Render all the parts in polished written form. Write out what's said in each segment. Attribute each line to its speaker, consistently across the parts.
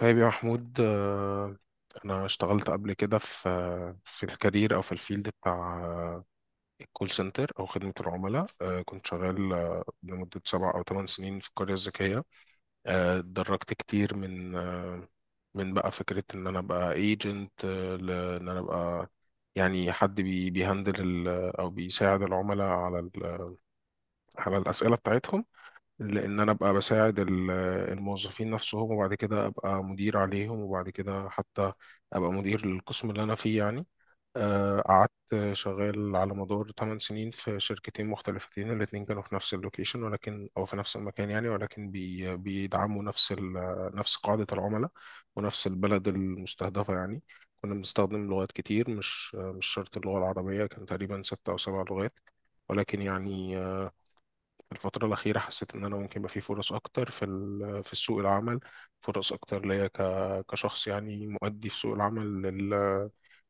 Speaker 1: طيب يا محمود، أنا اشتغلت قبل كده في الكارير أو في الفيلد بتاع الكول سنتر أو خدمة العملاء. كنت شغال لمدة 7 أو 8 سنين في القرية الذكية. اتدرجت كتير من بقى فكرة إن أنا أبقى ايجنت، لإن أنا أبقى يعني حد بيهندل أو بيساعد العملاء على الأسئلة بتاعتهم، لان انا ابقى بساعد الموظفين نفسهم، وبعد كده ابقى مدير عليهم، وبعد كده حتى ابقى مدير للقسم اللي انا فيه يعني. قعدت شغال على مدار 8 سنين في شركتين مختلفتين، الاتنين كانوا في نفس اللوكيشن، ولكن او في نفس المكان يعني، ولكن بيدعموا نفس نفس قاعدة العملاء ونفس البلد المستهدفة يعني. كنا بنستخدم لغات كتير، مش شرط اللغة العربية، كان تقريبا ستة أو سبع لغات. ولكن يعني الفترة الأخيرة حسيت إن أنا ممكن يبقى في فرص أكتر في سوق العمل، فرص أكتر ليا كشخص يعني مؤدي في سوق العمل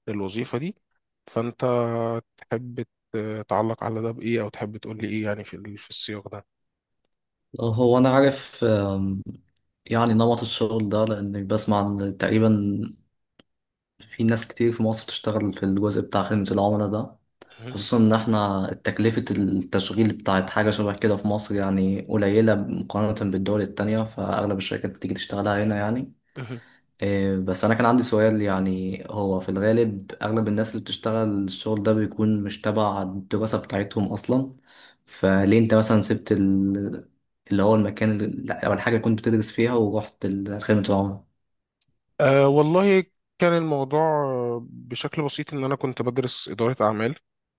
Speaker 1: للوظيفة دي. فأنت تحب تعلق على ده بإيه، أو تحب تقول لي إيه يعني في السياق ده؟
Speaker 2: هو أنا عارف يعني نمط الشغل ده، لأني بسمع إن تقريبا في ناس كتير في مصر بتشتغل في الجزء بتاع خدمة العملاء ده،
Speaker 1: مهم.
Speaker 2: خصوصا إن إحنا تكلفة التشغيل بتاعت حاجة شبه كده في مصر يعني قليلة مقارنة بالدول التانية، فأغلب الشركات بتيجي تشتغلها هنا يعني.
Speaker 1: مهم.
Speaker 2: إيه، بس أنا كان عندي سؤال، يعني هو في الغالب أغلب الناس اللي بتشتغل الشغل ده بيكون مش تبع الدراسة بتاعتهم أصلا، فليه أنت مثلا سبت اللي هو المكان أو الحاجة اللي كنت بتدرس فيها ورحت خدمة العملاء؟
Speaker 1: أه والله، كان الموضوع بشكل بسيط، إن أنا كنت بدرس إدارة أعمال،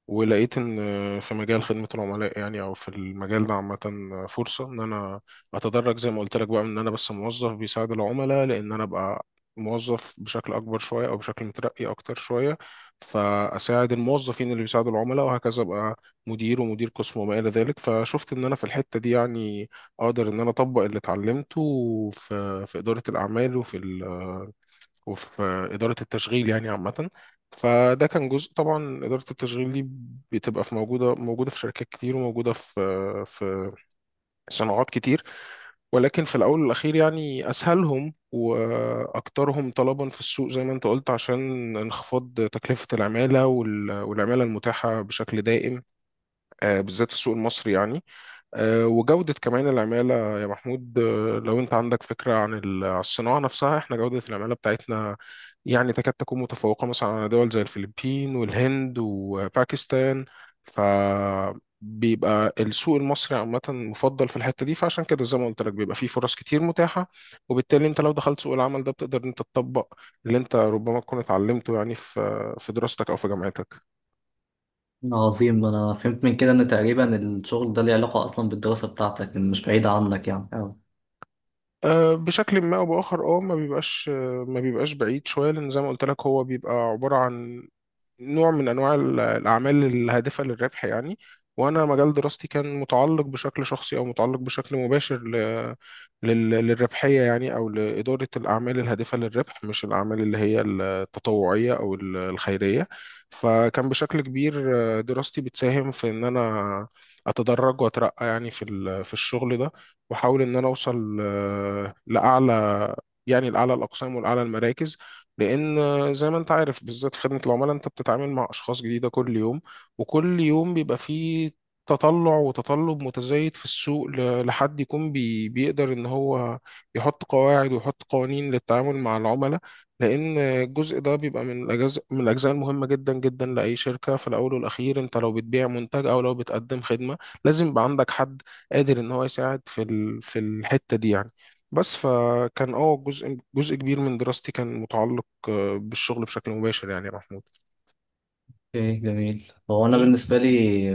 Speaker 1: ولقيت إن في مجال خدمة العملاء يعني، أو في المجال ده عامة، فرصة إن أنا أتدرج زي ما قلت لك، بقى من إن أنا بس موظف بيساعد العملاء لأن أنا أبقى موظف بشكل أكبر شوية، أو بشكل مترقي أكتر شوية، فأساعد الموظفين اللي بيساعدوا العملاء، وهكذا أبقى مدير ومدير قسم وما إلى ذلك. فشفت إن أنا في الحتة دي يعني أقدر إن أنا أطبق اللي اتعلمته في إدارة الأعمال وفي إدارة التشغيل يعني عامة. فده كان جزء، طبعا إدارة التشغيل دي بتبقى في موجودة في شركات كتير، وموجودة في صناعات كتير، ولكن في الأول والأخير يعني أسهلهم وأكثرهم طلبا في السوق، زي ما أنت قلت، عشان انخفاض تكلفة العمالة والعمالة المتاحة بشكل دائم، بالذات في السوق المصري يعني. وجودة كمان العمالة يا محمود، لو أنت عندك فكرة عن الصناعة نفسها، إحنا جودة العمالة بتاعتنا يعني تكاد تكون متفوقة مثلا على دول زي الفلبين والهند وباكستان، فبيبقى السوق المصري عامة مفضل في الحتة دي، فعشان كده زي ما قلت لك، بيبقى فيه فرص كتير متاحة. وبالتالي أنت لو دخلت سوق العمل ده، بتقدر إن أنت تطبق اللي أنت ربما تكون اتعلمته يعني في دراستك أو في جامعتك.
Speaker 2: عظيم، أنا فهمت من كده إن تقريبا الشغل ده ليه علاقة أصلا بالدراسة بتاعتك، إن مش بعيدة عنك يعني أوي.
Speaker 1: أه، بشكل ما او باخر، ما بيبقاش، بعيد شويه، لان زي ما قلت لك هو بيبقى عباره عن نوع من انواع الاعمال الهادفه للربح يعني. وانا مجال دراستي كان متعلق بشكل شخصي، او متعلق بشكل مباشر للربحيه يعني، او لاداره الاعمال الهادفه للربح، مش الاعمال اللي هي التطوعيه او الخيريه. فكان بشكل كبير دراستي بتساهم في ان انا اتدرج واترقى يعني في في الشغل ده، واحاول ان انا اوصل لاعلى، يعني لأعلى الأقسام ولأعلى المراكز. لأن زي ما أنت عارف، بالذات في خدمة العملاء، أنت بتتعامل مع أشخاص جديدة كل يوم، وكل يوم بيبقى فيه تطلع وتطلب متزايد في السوق لحد يكون بيقدر إن هو يحط قواعد ويحط قوانين للتعامل مع العملاء، لأن الجزء ده بيبقى من الأجزاء المهمة جدا جدا لأي شركة. في الأول والأخير، أنت لو بتبيع منتج أو لو بتقدم خدمة، لازم يبقى عندك حد قادر إن هو يساعد في الحتة دي يعني. بس فكان جزء كبير من دراستي كان متعلق بالشغل بشكل مباشر يعني يا محمود.
Speaker 2: اوكي جميل، هو انا
Speaker 1: مم.
Speaker 2: بالنسبه لي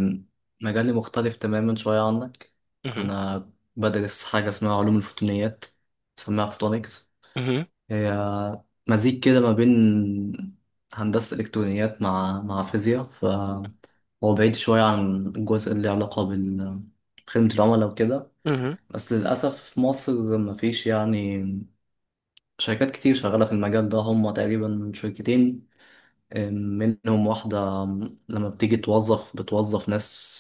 Speaker 2: مجالي مختلف تماما شويه عنك.
Speaker 1: مهم.
Speaker 2: انا بدرس حاجه اسمها علوم الفوتونيات، بسميها فوتونيكس.
Speaker 1: مهم.
Speaker 2: هي مزيج كده ما بين هندسة إلكترونيات مع فيزياء، فهو بعيد شوية عن الجزء اللي علاقة بخدمة العملاء وكده.
Speaker 1: مهم.
Speaker 2: بس للأسف في مصر مفيش يعني شركات كتير شغالة في المجال ده، هم تقريبا شركتين. منهم واحدة لما بتيجي توظف بتوظف ناس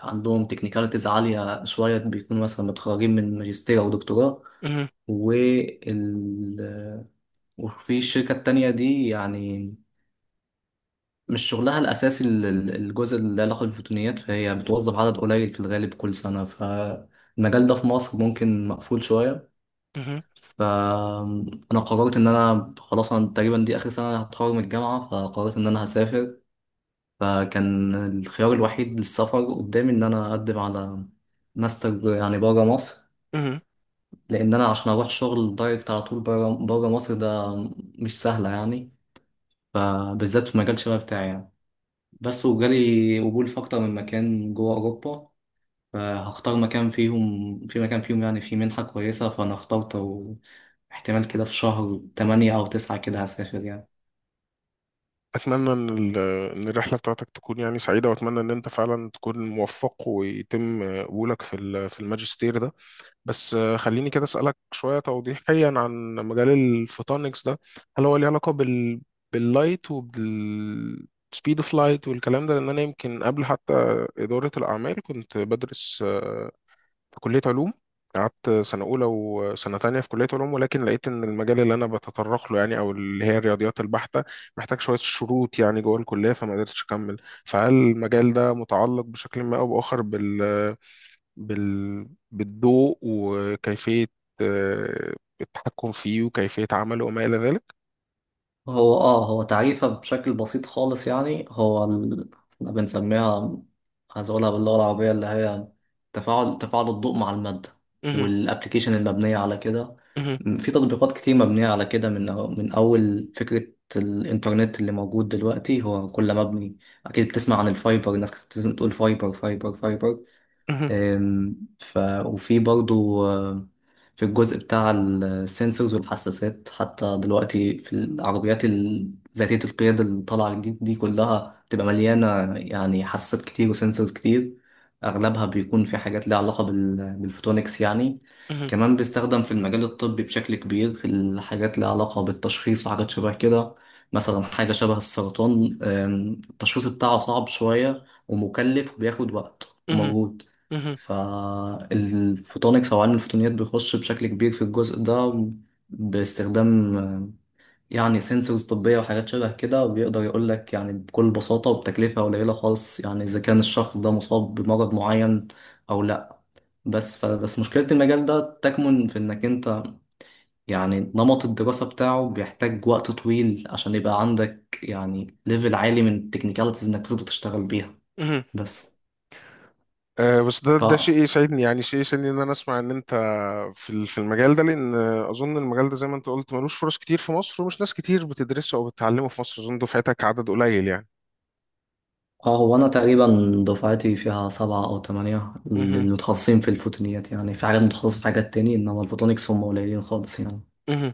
Speaker 2: عندهم تكنيكاليتيز عالية شوية، بيكونوا مثلا متخرجين من ماجستير أو دكتوراه.
Speaker 1: مهم.
Speaker 2: وال وفي الشركة التانية دي يعني مش شغلها الأساسي الجزء اللي له علاقة بالفوتونيات، فهي بتوظف عدد قليل في الغالب كل سنة، فالمجال ده في مصر ممكن مقفول شوية.
Speaker 1: مهم.
Speaker 2: فأنا قررت إن أنا خلاص، أنا تقريبا دي آخر سنة هتخرج من الجامعة، فقررت إن أنا هسافر. فكان الخيار الوحيد للسفر قدامي إن أنا أقدم على ماستر يعني بره مصر،
Speaker 1: مهم.
Speaker 2: لأن أنا عشان أروح شغل دايركت على طول بره بره مصر ده، مش سهلة يعني، فبالذات في المجال شبه بتاعي يعني. بس وجالي قبول في أكتر من مكان جوه أوروبا، فهختار مكان فيهم، في مكان فيهم يعني فيه منحة كويسة، فأنا اخترت. واحتمال كده في شهر 8 أو 9 كده هسافر يعني.
Speaker 1: اتمنى ان إن الرحله بتاعتك تكون يعني سعيده، واتمنى ان انت فعلا تكون موفق ويتم قبولك في الماجستير ده. بس خليني كده اسالك شويه توضيحيا عن مجال الفوتونكس ده. هل هو ليه علاقه باللايت وبالسبيد اوف لايت والكلام ده؟ لان انا يمكن قبل حتى اداره الاعمال كنت بدرس في كلية علوم، قعدت سنة أولى وسنة تانية في كلية علوم، ولكن لقيت إن المجال اللي أنا بتطرق له يعني، أو اللي هي الرياضيات البحتة، محتاج شوية شروط يعني جوه الكلية، فما قدرتش أكمل. فهل المجال ده متعلق بشكل ما أو بآخر بالضوء وكيفية آه، التحكم فيه وكيفية عمله وما إلى ذلك؟
Speaker 2: هو تعريفها بشكل بسيط خالص، يعني هو احنا بنسميها، عايز اقولها باللغة العربية اللي هي تفاعل الضوء مع المادة،
Speaker 1: مهم،
Speaker 2: والابلكيشن المبنية على كده.
Speaker 1: مهم،
Speaker 2: في تطبيقات كتير مبنية على كده، من أول فكرة الإنترنت اللي موجود دلوقتي هو كله مبني، أكيد بتسمع عن الفايبر، الناس كانت بتقول فايبر فايبر فايبر.
Speaker 1: مهم،
Speaker 2: آم، ف وفي برضو في الجزء بتاع السنسورز والحساسات، حتى دلوقتي في العربيات ذاتية القيادة اللي طالعة جديد دي كلها بتبقى مليانة يعني حساسات كتير وسنسورز كتير، أغلبها بيكون في حاجات ليها علاقة بالفوتونكس يعني.
Speaker 1: مهم،
Speaker 2: كمان بيستخدم في المجال الطبي بشكل كبير في الحاجات ليها علاقة بالتشخيص وحاجات شبه كده، مثلا حاجة شبه السرطان، التشخيص بتاعه صعب شوية ومكلف وبياخد وقت
Speaker 1: مهم،
Speaker 2: ومجهود،
Speaker 1: مهم،
Speaker 2: فالفوتونكس أو علم الفوتونيات بيخش بشكل كبير في الجزء ده، باستخدام يعني سنسورز طبية وحاجات شبه كده، وبيقدر يقول لك يعني بكل بساطة وبتكلفة قليلة خالص يعني إذا كان الشخص ده مصاب بمرض معين أو لأ. فبس مشكلة المجال ده تكمن في إنك أنت يعني نمط الدراسة بتاعه بيحتاج وقت طويل عشان يبقى عندك يعني ليفل عالي من التكنيكاليتيز إنك تقدر تشتغل بيها
Speaker 1: مهم.
Speaker 2: بس.
Speaker 1: أه، بس ده شيء يسعدني، يعني شيء يسعدني ان انا اسمع ان انت في المجال ده، لان اظن المجال ده زي ما انت قلت ملوش فرص كتير في مصر، ومش ناس كتير بتدرسه او بتتعلمه في مصر، اظن دفعتك عدد قليل يعني.
Speaker 2: اه هو انا تقريبا دفعتي فيها 7 أو 8 اللي
Speaker 1: مهم.
Speaker 2: متخصصين في الفوتونيات، يعني في حاجات متخصصة في حاجات تاني، انما الفوتونيكس هم قليلين خالص يعني.
Speaker 1: مهم.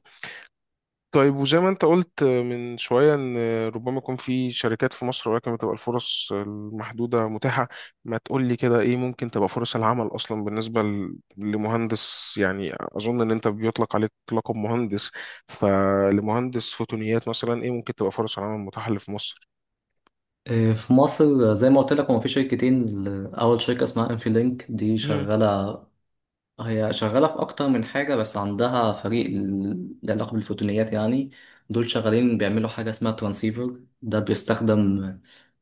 Speaker 1: طيب، وزي ما انت قلت من شوية ان ربما يكون في شركات في مصر ولكن بتبقى الفرص المحدودة متاحة، ما تقول لي كده ايه ممكن تبقى فرص العمل اصلا بالنسبة لمهندس، يعني اظن ان انت بيطلق عليك لقب مهندس، فلمهندس فوتونيات مثلا، ايه ممكن تبقى فرص العمل المتاحة اللي في مصر؟
Speaker 2: إيه، في مصر زي ما قلت لك هو في شركتين، اول شركة اسمها انفي لينك دي
Speaker 1: مهم.
Speaker 2: شغالة. هي شغالة في أكتر من حاجة بس عندها فريق له علاقة بالفوتونيات يعني. دول شغالين بيعملوا حاجة اسمها ترانسيفر، ده بيستخدم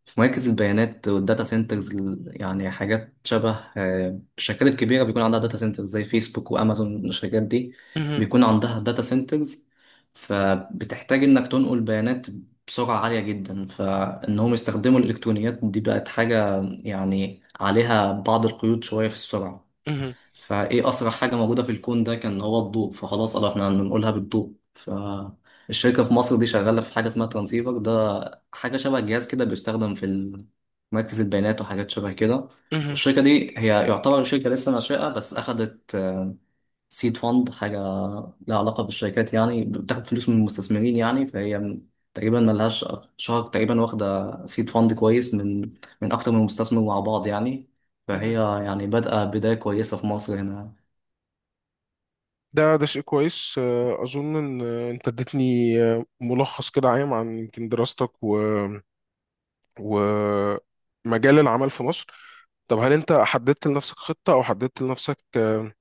Speaker 2: في مراكز البيانات والداتا سنترز، يعني حاجات شبه الشركات الكبيرة بيكون عندها داتا سنترز زي فيسبوك وأمازون، الشركات دي
Speaker 1: مهم.
Speaker 2: بيكون عندها داتا سنترز، فبتحتاج إنك تنقل بيانات بسرعة عالية جدا، فإنهم يستخدموا الإلكترونيات دي بقت حاجة يعني عليها بعض القيود شوية في السرعة،
Speaker 1: مهم.
Speaker 2: فايه اسرع حاجه موجوده في الكون ده كان هو الضوء، فخلاص قالوا احنا هنقولها بالضوء. فالشركه في مصر دي شغاله في حاجه اسمها ترانسيفر، ده حاجه شبه جهاز كده بيستخدم في مركز البيانات وحاجات شبه كده.
Speaker 1: مهم.
Speaker 2: والشركه دي هي يعتبر شركه لسه ناشئه، بس اخدت سيد فند، حاجه لها علاقه بالشركات يعني بتاخد فلوس من المستثمرين، يعني فهي تقريبا ملهاش شهر تقريبا واخده سيد فند كويس، من اكتر من مستثمر مع بعض يعني. فهي
Speaker 1: مهم.
Speaker 2: يعني بادئة بداية كويسة في مصر هنا.
Speaker 1: ده شيء كويس. أظن إن أنت اديتني ملخص كده عام عن يمكن دراستك ومجال العمل في مصر. طب هل انت حددت لنفسك خطة، او حددت لنفسك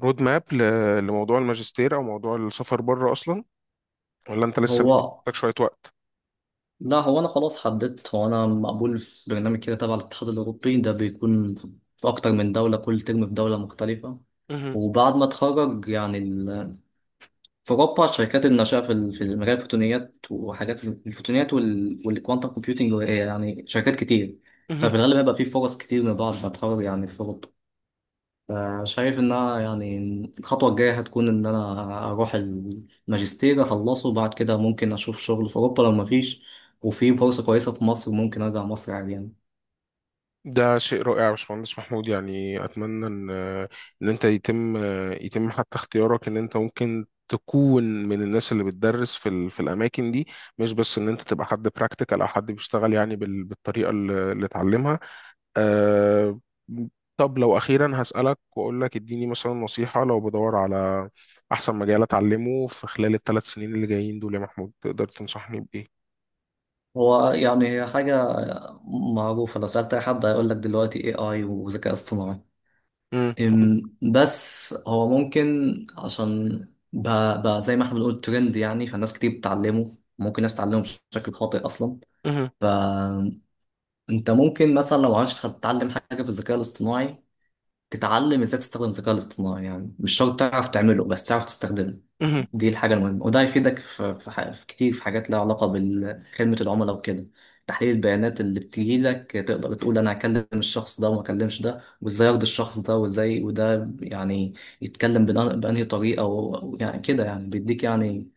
Speaker 1: رود ماب لموضوع الماجستير او موضوع السفر بره اصلا، ولا انت لسه مدي
Speaker 2: هو
Speaker 1: لنفسك شوية وقت؟
Speaker 2: لا، هو أنا خلاص حددت، هو أنا مقبول في برنامج كده تبع الاتحاد الأوروبي، ده بيكون في أكتر من دولة، كل ترم في دولة مختلفة.
Speaker 1: مهم.
Speaker 2: وبعد ما أتخرج يعني في أوروبا شركات الناشئة في مجال الفوتونيات، وحاجات في الفوتونيات والكوانتم كومبيوتنج يعني شركات كتير.
Speaker 1: مهم.
Speaker 2: ففي الغالب هيبقى في فرص كتير من بعد ما أتخرج يعني في أوروبا. شايف انها يعني الخطوة الجاية هتكون ان انا اروح الماجستير اخلصه، وبعد كده ممكن اشوف شغل في اوروبا لو مفيش، وفي فرصة كويسة في مصر ممكن ارجع مصر عادي يعني.
Speaker 1: ده شيء رائع يا باشمهندس محمود، يعني اتمنى ان انت يتم حتى اختيارك، ان انت ممكن تكون من الناس اللي بتدرس في في الاماكن دي، مش بس ان انت تبقى حد براكتيكال او حد بيشتغل يعني بالطريقه اللي اتعلمها. أه. طب لو أخيرا هسألك وأقول لك اديني مثلا نصيحة لو بدور على أحسن مجال أتعلمه في خلال الثلاث سنين اللي جايين دول، يا محمود تقدر تنصحني بإيه؟
Speaker 2: هو يعني هي حاجة معروفة، لو سألت اي حد هيقول لك دلوقتي اي اي وذكاء اصطناعي.
Speaker 1: مم.
Speaker 2: بس هو ممكن عشان بقى زي ما احنا بنقول ترند يعني، فالناس كتير بتتعلمه، ممكن ناس تتعلمه بشكل خاطئ اصلا.
Speaker 1: مهم.
Speaker 2: فانت ممكن مثلا لو عايز تتعلم حاجه في الذكاء الاصطناعي، تتعلم ازاي تستخدم الذكاء الاصطناعي، يعني مش شرط تعرف تعمله بس تعرف تستخدمه.
Speaker 1: مهم.
Speaker 2: دي الحاجة المهمة، وده هيفيدك في كتير في حاجات لها علاقة بخدمة العملاء وكده، تحليل البيانات اللي بتجيلك تقدر تقول أنا هكلم الشخص ده وما أكلمش ده، وإزاي أرضي الشخص ده، وإزاي وده يعني يتكلم بأنهي طريقة يعني كده، يعني بيديك يعني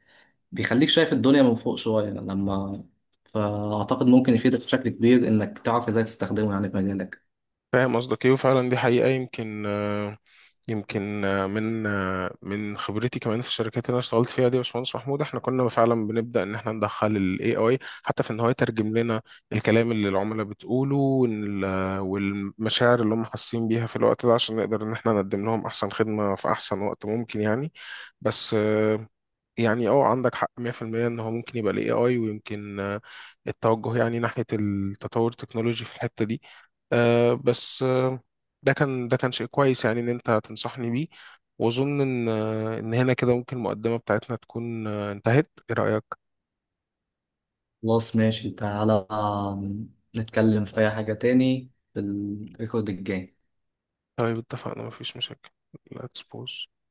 Speaker 2: بيخليك شايف الدنيا من فوق شوية، لما فأعتقد ممكن يفيدك بشكل كبير إنك تعرف إزاي تستخدمه يعني في مجالك.
Speaker 1: فاهم قصدك إيه، وفعلا دي حقيقة. يمكن من خبرتي كمان في الشركات اللي انا اشتغلت فيها دي يا باشمهندس محمود، احنا كنا فعلا بنبدا ان احنا ندخل الاي اي، حتى في ان هو يترجم لنا الكلام اللي العملاء بتقوله، والمشاعر اللي هم حاسين بيها في الوقت ده، عشان نقدر ان احنا نقدم لهم احسن خدمه في احسن وقت ممكن يعني. بس يعني اه عندك حق 100%، ان هو ممكن يبقى الاي اي، ويمكن التوجه يعني ناحية التطور التكنولوجي في الحتة دي. بس ده كان شيء كويس يعني ان انت تنصحني بيه. واظن ان ان هنا كده ممكن المقدمة بتاعتنا تكون انتهت. ايه رأيك؟
Speaker 2: خلاص ماشي، تعالى نتكلم في أي حاجة تاني في الريكورد الجاي.
Speaker 1: طيب اتفقنا، مفيش مشاكل. let's pause